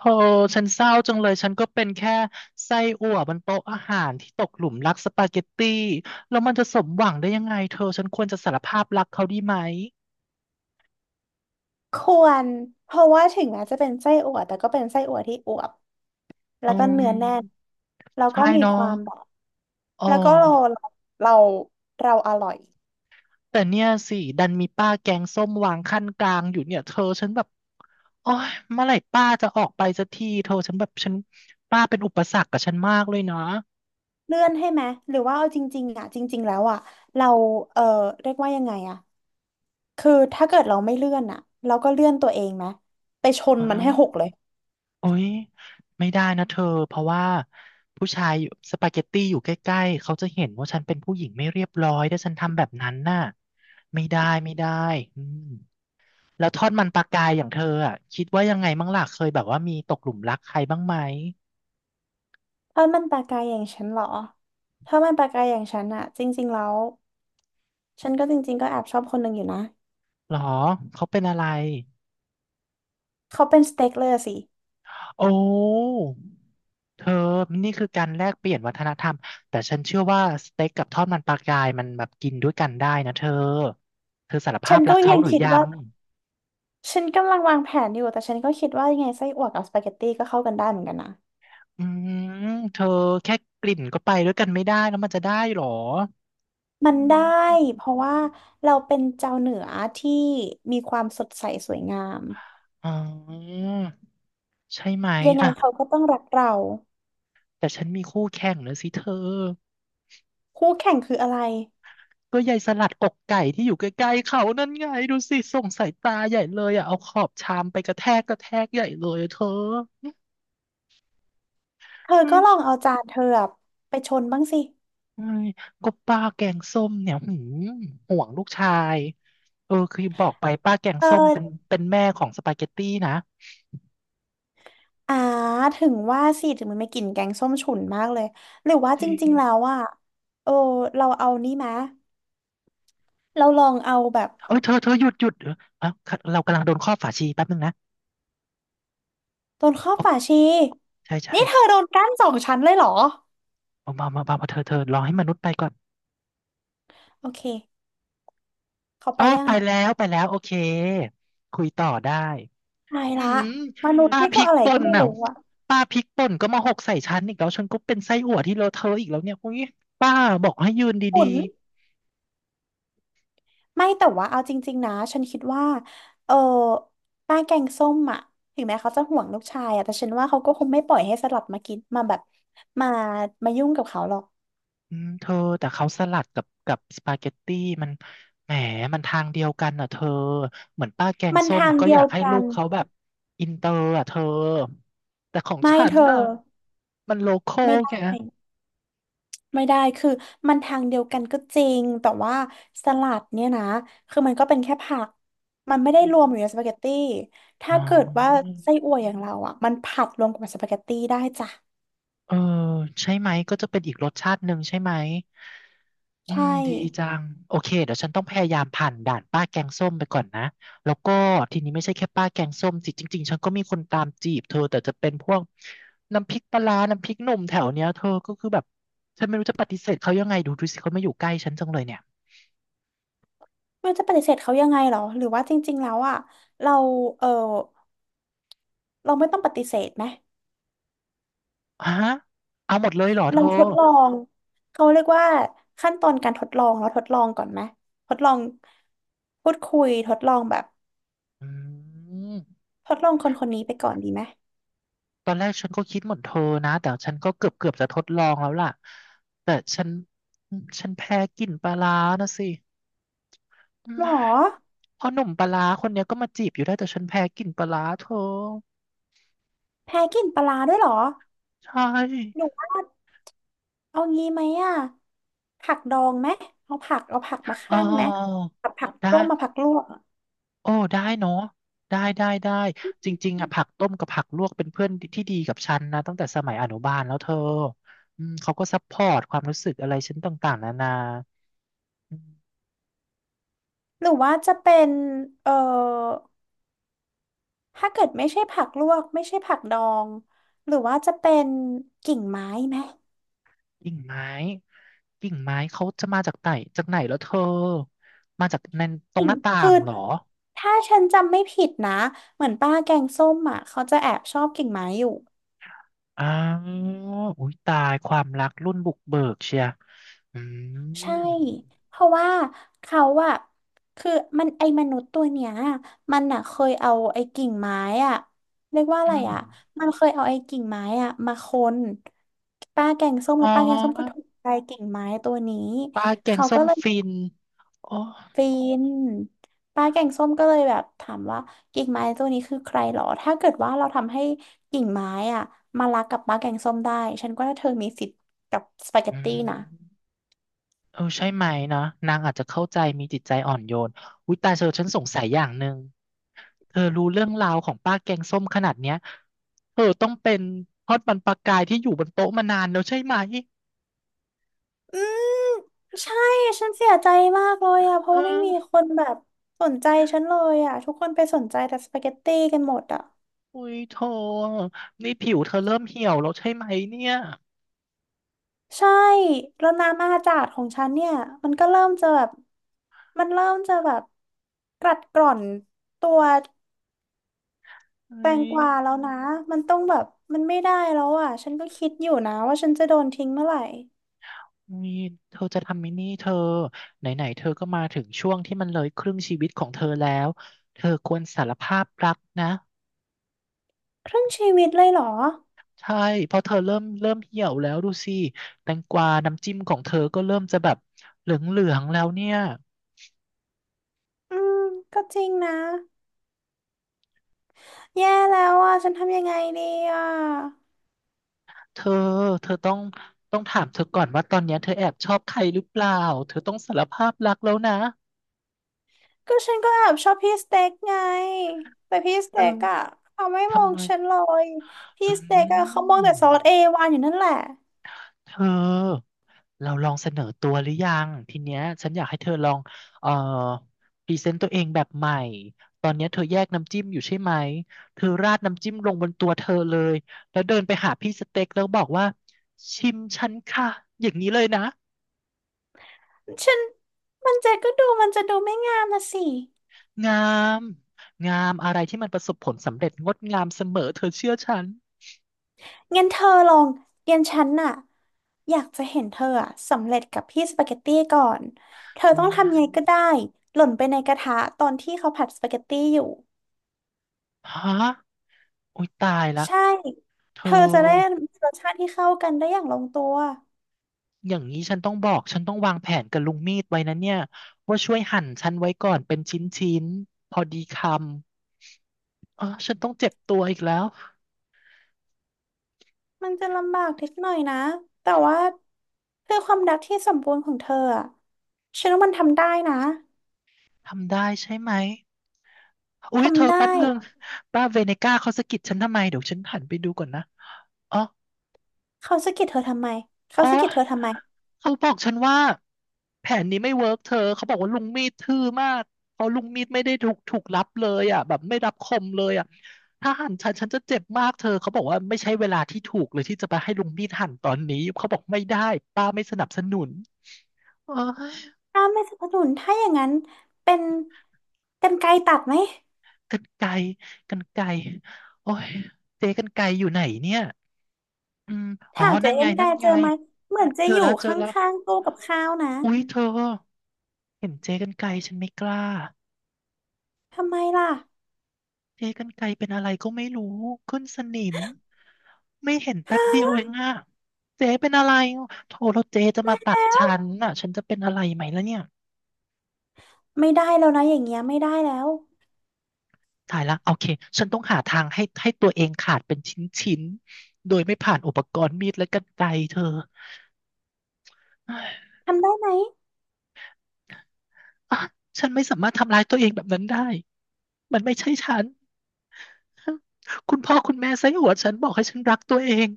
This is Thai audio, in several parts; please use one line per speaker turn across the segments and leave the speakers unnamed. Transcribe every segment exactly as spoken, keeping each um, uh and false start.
โอ้ฉันเศร้าจังเลย ฉันก็เป็นแค่ไส้อั่วบนโต๊ะอาหารที่ตกหลุมรักสปาเกตตี้แล้วมันจะสมหวังได้ยังไงเธอ ฉันควรจะสารภาพรักเขาดีไหม
ควรเพราะว่าถึงแม้จะเป็นไส้อั่วแต่ก็เป็นไส้อั่วที่อวบแล้
อื
วก็
ม
เนื้อแน่นแล้ว
ใช่
ก็มี
เน้อ
ควา
ง
มแบบ
อ๋อ
แล้วก็เราเราเราอร่อย
แต่เนี่ยสิ ดันมีป้าแกงส้มวางขั้นกลางอยู่เนี่ย เธอฉันแบบโอ้ยเมื่อไหร่ป้าจะออกไปสักทีเธอฉันแบบ ฉันป้าเป็นอุปสรรคกับฉันมากเลยนะ
เลื่อนให้ไหมหรือว่าเอาจริงๆอ่ะจริงๆแล้วอ่ะเราเออเรียกว่ายังไงอ่ะคือถ้าเกิดเราไม่เลื่อนอ่ะเราก็เลื่อนตัวเองไหมไปชน
อ๋อ
มันให้หกเลย
โอ๊ยไม่ได้นะเธอเพราะว่าผู้ชายอยู่สปาเกตตี้อยู่ใกล้ๆเขาจะเห็นว่าฉันเป็นผู้หญิงไม่เรียบร้อยถ้าฉันทำแบบนั้นน่ะไม่ได้ไม่ได้อืมแล้วทอดมันปลากายอย่างเธออ่ะคิดว่ายังไงบ้างล่ะเคยแบบว่ามีตกหลุมรักใครบ้างไหม
ถ้ามันปลากายอย่างฉันเหรอถ้ามันปลากายอย่างฉันอ่ะจริงๆแล้วฉันก็จริงๆก็แอบชอบคนหนึ่งอยู่นะ
หรอเขาเป็นอะไร
เขาเป็นสเต็กเลยอะสิ
โอ้เธอนี่คือการแลกเปลี่ยนวัฒนธรรมแต่ฉันเชื่อว่าสเต็กกับทอดมันปลากายมันแบบกินด้วยกันได้นะเธอเธอสารภา
ฉั
พ
น
รั
ก็
กเขา
ยัง
หรือ
คิด
ยั
ว่า
ง
ฉันกำลังวางแผนอยู่ แต่ฉันก็คิดว่ายังไงไส้อั่วกับสปาเกตตี้ก็เข้ากันได้เหมือนกันนะ
อืมเธอแค่กลิ่นก็ไปด้วยกันไม่ได้แล้วมันจะได้หรอ
มั
อื
นได้
ม
เพราะว่าเราเป็นเจ้าเหนือที่มีความสดใสสวยงาม
อ๋อใช่ไหม
ยังไง
อ่ะ
เขาก็ต้องรักเรา
แต่ฉันมีคู่แข่งนะสิเธอ
คู่แข่งคืออะไร
ก็ยายสลัดอกไก่ที่อยู่ใกล้ๆเขานั่นไงดูสิส่งสายตาใหญ่เลยอ่ะเอาขอบชามไปกระแทกกระแทกใหญ่เลยอะเธอ
เธอ
เฮ้
ก็
ย
ลองเอาจานเธออะไปชนบ้างสิ
ก็ป้าแกงส้มเนี่ยหืมห่วงลูกชายเออคือบอกไปป้าแกงส้มเป็น
เออ
เป็นแม่ของสปาเกตตี้นะ
อ่าถึงว่าสิถึงมันไม่กลิ่นแกงส้มฉุนมากเลยหรือว่า
จ
จ
ริง
ริงๆแล้วอ่ะเออเราเอานี่มะเราลองเอาแบบ
เอ้ยเธอเธอหยุดหยุดเออเอ้าเรากำลังโดนครอบฝาชีแป๊บนึงนะ
โดนข้อบ
โอ
ฝา
้
ชี
ใช่ใช่
นี่เธอโดนกั้นสองชั้นเลยเหรอ
เอามามามามาเธอเธอรอให้มนุษย์ไปก่อน
โอเค เขาไป
อ๋อ
ยัง
ไป
อ่ะ
แล้วไปแล้วโอเคคุยต่อได้
ตาย
อื
ละ
ม
มนุษย์
ป้า
นี่
พ
ก็
ริก
อะไร
ป่
ก็
น
ไม่
น่ะ
รู้อ่ะ
ป้าพริกป่นก็มาหกใส่ฉันอีกแล้วฉันก็เป็นไส้อั่วที่เลอะเทอะอีกแล้วเนี่ยอุ้ยป้าบอกให้ยืน
ขุ
ดี
นไม่แต่ว่าเอาจริงๆนะ ฉันคิดว่า เออ ป้าแกงส้มอ่ะ ถึงแม้เขาจะห่วงลูกชายอ่ะ แต่ฉันว่าเขาก็คงไม่ปล่อยให้สลับมากิน มาแบบมามายุ่งกับเขาหรอก
อืมเธอแต่เขาสลัดกับกับสปาเกตตี้มันแหมมันทางเดียวกันอ่ะเธอเหมือนป้าแกง
มัน
ส้ม
ทาง
ก็
เดี
อ
ย
ยา
ว
กให้
กั
ลู
น
กเขาแบบอินเตอร์อ่ะเธอแต่ของ
ไม่
ฉัน
เธอ
น่ะมันโลคอ
ไม่
ล
ได้
ไง
ไม่ได้ คือมันทางเดียวกันก็จริง แต่ว่าสลัดเนี่ยนะ คือมันก็เป็นแค่ผัก มันไม่ได้
อื
รวมอ
ม
ยู่ในสปาเกตตี้
อ๋
ถ้า
อ
เกิดว่าไส้อั่วอย่างเราอ่ะมันผัดรวมกับสปาเกตตี้ได้จ้ะ
เออใช่ไหมก็จะเป็นอีกรสชาติหนึ่งใช่ไหม อื
ใช่
มดีจังโอเคเดี๋ยวฉันต้องพยายามผ่านด่านป้าแกงส้มไปก่อนนะแล้วก็ทีนี้ไม่ใช่แค่ป้าแกงส้มสิจริงๆฉันก็มีคนตามจีบเธอแต่จะเป็นพวกน้ำพริกปลาร้าน้ำพริกหนุ่มแถวเนี้ยเธอก็คือแบบฉันไม่รู้จะปฏิเสธเขายังไงดูดูสิเขาไม่อยู่ใกล้ฉันจังเลยเนี่ย
ไม่รู้จะปฏิเสธเขายังไงเหรอหรือว่าจริงๆแล้วอ่ะเราเออเราไม่ต้องปฏิเสธไหม
ฮะเอาหมดเลยเหรอเธ
เรา
อ
ทดลอง เขาเรียกว่าขั้นตอนการทดลองเราทดลองก่อนไหมทดลองพูดคุยทดลองแบบ
อืม
ทดลองคนคนนี้ไปก่อนดีไหม
ตอนแรกฉันก็คิดเหมือนเธอนะแต่ฉันก็เกือบเกือบจะทดลองแล้วล่ะแต่ฉันฉันแพ้กลิ่นปลาร้านะสิ
หรอ
พอหนุ่มปลาร้าคนเนี้ยก็มาจีบอยู่ได้แต่ฉันแพ้กลิ่นปลาร้าเธอ
แพ้กินปลาร้าด้วยเหรอ
ใช
หนู
่
ว่าเอางี้ไหมอ่ะผักดองไหมเอาผักเอาผักมา
อ๋อ
คั่นไหมผักผัก
ได้
ลวกมาผักลวกอะ
โอ้ได้เนาะได้ได้ได้จริงๆอ่ะผักต้มกับผักลวกเป็นเพื่อนที่ดีกับฉันนะตั้งแต่สมัยอนุบาลแล้วเธออืมเขาก็ซัพพอร์ตความรู้สึกอะไรฉันต่างๆนานาอืม
หรือว่าจะเป็นเอ่อถ้าเกิดไม่ใช่ผักลวกไม่ใช่ผักดอง หรือว่าจะเป็นกิ่งไม้ไหม
กิ่งไม้กิ่งไม้เขาจะมาจากไหนจากไหนแล้วเธอมาจากในตรง
กิ่
ห
ง
น้าต่า
คือ
งเหรอ
ถ้าฉันจำไม่ผิดนะเหมือนป้าแกงส้มอ่ะเขาจะแอบชอบกิ่งไม้อยู่
อ้าวอุ้ยตายความรักรุ่นบุกเบิกเชียอื
ใช่
ม
เพราะว่าเขาอะคือมันไอ้มนุษย์ตัวเนี้ยมันอะเคยเอาไอ้กิ่งไม้อะเรียกว่าอะไร
อืม
อะมันเคยเอาไอ้กิ่งไม้อะมาคนป้าแกงส้ม
อ๋อ
แล้วป้าแกงส้มก็ถูกใจกิ่งไม้ตัวนี้
ปลาแกง
เขา
ส้
ก็
ม
เลย
ฟินอ๋อ
ฟินป้าแกงส้มก็เลยแบบถามว่ากิ่งไม้ตัวนี้คือใครหรอถ้าเกิดว่าเราทำให้กิ่งไม้อะมารักกับป้าแกงส้มได้ฉันก็ว่าเธอมีสิทธิ์กับสปาเก
อื
ตตี้นะ
มเออใช่ไหมเนาะนางอาจจะเข้าใจมีจิตใจอ่อนโยนอุ้ยตายเธอฉันสงสัยอย่างหนึ่งเธอรู้เรื่องราวของป้าแกงส้มขนาดเนี้ยเธอต้องเป็นทอดมันปลากายที่อยู่บนโต๊ะมานานแล้วใช่ไหม
อืมใช่ฉันเสียใจมากเลยอะเพ
เอ
ราะว่าไม่
อ
มีคนแบบสนใจฉันเลยอะทุกคนไปสนใจแต่สปาเกตตี้กันหมดอะ
อุ้ยโธ่นี่ผิวเธอเริ่มเหี่ยวแล้วใช่ไหมเนี่ย
ใช่แล้วน้ำอาจาดของฉันเนี่ยมันก็เริ่มจะแบบมันเริ่มจะแบบกัดกร่อนตัว
เอ้
แตง
ย
กวาแล้วนะมันต้องแบบมันไม่ได้แล้วอะฉันก็คิดอยู่นะว่าฉันจะโดนทิ้งเมื่อไหร่
มีเธอจะทำไหมินี่เธอไหนๆเธอก็มาถึงช่วงที่มันเลยครึ่งชีวิตของเธอแล้วเธอควรสารภาพรักนะ
ครึ่งชีวิตเลยเหรอ
ใช่เพราะเธอเริ่มเริ่มเหี่ยวแล้วดูสิแตงกวาน้ำจิ้มของเธอก็เริ่มจะแบบเหลืองๆแล้วเนี่ย
อืมก็จริงนะแย่แล้วอะฉันทำยังไงดีอะ
เธอเธอต้องต้องถามเธอก่อนว่าตอนเนี้ยเธอแอบชอบใครหรือเปล่าเธอต้องสารภาพรักแล้วนะ
ก็ฉันก็แอบชอบพี่สเต็กไงแต่พี่ส
เอ
เต็ก
อ
อะเขาไม่มอ
ทำ
ง
ไม
ฉันเลย พี่
อื
สเต็กอะเขามองแต่ซอสเอ
ม
วานอยู่นั่นแหละ
เธอ เราลองเสนอตัวหรือยังทีเนี้ยฉันอยากให้เธอลองเอ่อพรีเซนต์ตัวเองแบบใหม่ตอนเนี้ยเธอแยกน้ำจิ้มอยู่ใช่ไหมเธอราดน้ำจิ้มลงบนตัวเธอเลยแล้วเดินไปหาพี่สเต็กแล้วบอกว่าชิมฉันค่ะอย่างนี้เลยนะ
ฉันมันจะก็ดูมันจะดูไม่งามนะสิ
งามงามอะไรที่มันประสบผลสำเร็จงดงามเสมอเธอเชื่อฉัน
งั้นเธอลองงั้นฉันน่ะอยากจะเห็นเธออะสำเร็จกับพี่สปาเกตตี้ก่อนเธอ
อื
ต้องทำยังไงก็ได้
ม
หล่นไปในกระทะตอนที่เขาผัดสปาเกตตี้อยู่
ฮะโอ้ยตายละ
ใช่
เธ
เธ
อ
อจะได้มีรสชาติที่เข้ากันได้อย่างลงตัว
อย่างนี้ฉันต้องบอกฉันต้องวางแผนกับลุงมีดไว้นะเนี่ยว่าช่วยหั่นฉันไว้ก่อนเป็นชิ้นๆพอดีคำอ๋อฉันต้องเจ็บตัวอีกแล้ว
มันจะลำบากนิดหน่อยนะ แต่ว่าเพื่อความรักที่สมบูรณ์ของเธออะฉันว่ามันทำได้นะ
ทำได้ใช่ไหมอุ๊
ท
ยเธอ
ำได้
แป๊บนึงป้าเวเนก้าเขาสะกิดฉันทำไมเดี๋ยวฉันหันไปดูก่อนนะอ๋อ
เขาสะกิดเธอทำไมเขา
อ๋อ
สะกิดเธอทำไม
เขาบอกฉันว่าแผนนี้ไม่เวิร์กเธอ เขาบอกว่าลุงมีดทื่อมากเพราะลุงมีดไม่ได้ถูกถูกรับเลยอ่ะแบบไม่รับคมเลยอ่ะถ้าหั่นฉันฉันจะเจ็บมากเธอเขาบอกว่าไม่ใช่เวลาที่ถูกเลยที่จะไปให้ลุงมีดหั่นตอนนี้เขาบอกไม่ได้ป้าไม่สนับสนุนโอ้ย
ถ้าไม่สนับสนุนถ้าอย่างนั้นเป็นกรรไกรตัดไหม
กรรไกรกรรไกรโอ้ยเจ๊กรรไกรอยู่ไหนเนี่ยอืมอ๋อ
ถ้าเจ
นั่
อ
น
กร
ไง
รไกร
นั่น
เจ
ไง
อไหมเหมือนจะ
เจอ
อยู่
แล้วเจ
ข
อแล้ว
้างๆตู้กับข้าวนะ
อุ๊ยเธอเห็นเจ๊กรรไกรฉันไม่กล้า
ทำไมล่ะ
เจ๊กรรไกรเป็นอะไรก็ไม่รู้ขึ้นสนิมไม่เห็นแป๊บเดียว
ฮะ
เองอะเจ๊เป็นอะไรโทรแล้วเจ๊จะมาตัดฉันน่ะฉันจะเป็นอะไรไหมแล้วเนี่ย
ไม่ได้แล้วนะอย่างเงี้ยไม่ได้แล้ว
ตายละโอเคฉันต้องหาทางให้ให้ตัวเองขาดเป็นชิ้นๆ้โดยไม่ผ่านอุปกรณ์มีดและกรรไกรเธอ
ทำได้ไหม
อ่ะฉันไม่สามารถทำร้ายตัวเองแบบนั้นได้มันไม่ใช่ฉันคุณพ่อคุณแม่ไส้อั่วฉันบอกให้ฉันรักตัวเอง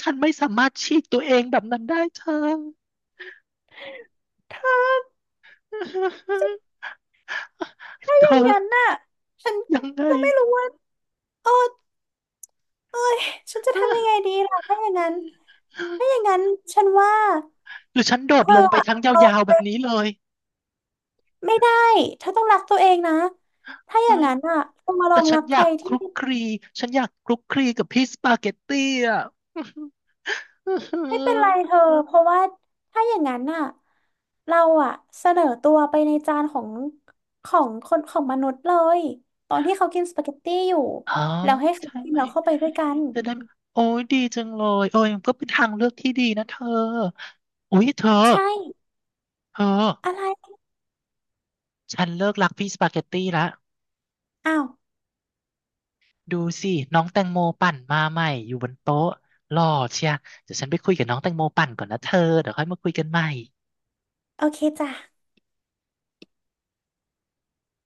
ฉันไม่สามารถฉีกตัวเองแบบนั้นได้เธอ
เธอ ถ้า
เธ
อ
อ
ย่างนั้นน่ะฉัน
ยังไง
ก็ไม่รู้ว่าเออ เอ้ยฉันจะทำยังไงดีล่ะถ้าอย่างนั้นถ้าอย่างนั้นฉันว่า
หรือฉันโด
เธ
ด
อ
ลงไป
อะ
ครั้งยาวๆแบ
เอา
บนี้เลย
ไม่ได้เธอต้องรักตัวเองนะถ้าอ
เอ้
ย่าง
ย
นั้นอ่ะเธอมาล
แต่
อง
ฉั
รั
น
ก
อ
ใค
ยา
ร
กค
ที่
ลุกคลีฉันอยากคลุกคลีกับพี่สปาเกตตี้อ่ะ
ไม่เป็นไร เธอเพราะว่าถ้าอย่างนั้นอ่ะเราอ่ะเสนอตัวไปในจานของของคนของมนุษย์เลยตอนที่เขากินสปาเกตตี้อยู่
อ๋อ
แล้วให้เขา
ใช่
กิน
ไหม
เราเข้าไปด้วยกัน
จะได้โอ้ยดีจังเลยเอนก็เป็นทางเลือกที่ดีนะเธอโอ้ยเธอ
ใช่
เธอ
อะไร
ฉันเลิกรักพี่สปาเกตตี้ละ
อ้าว
ดูสิน้องแตงโมปั่นมาใหม่อยู่บนโต๊ะหล่อเชียเดี๋ยวฉันไปคุยกับน้องแตงโมปั่นก่อนนะเธอเดี๋ยวค่อยมาคุยกันใหม่
โอเคจ้ะ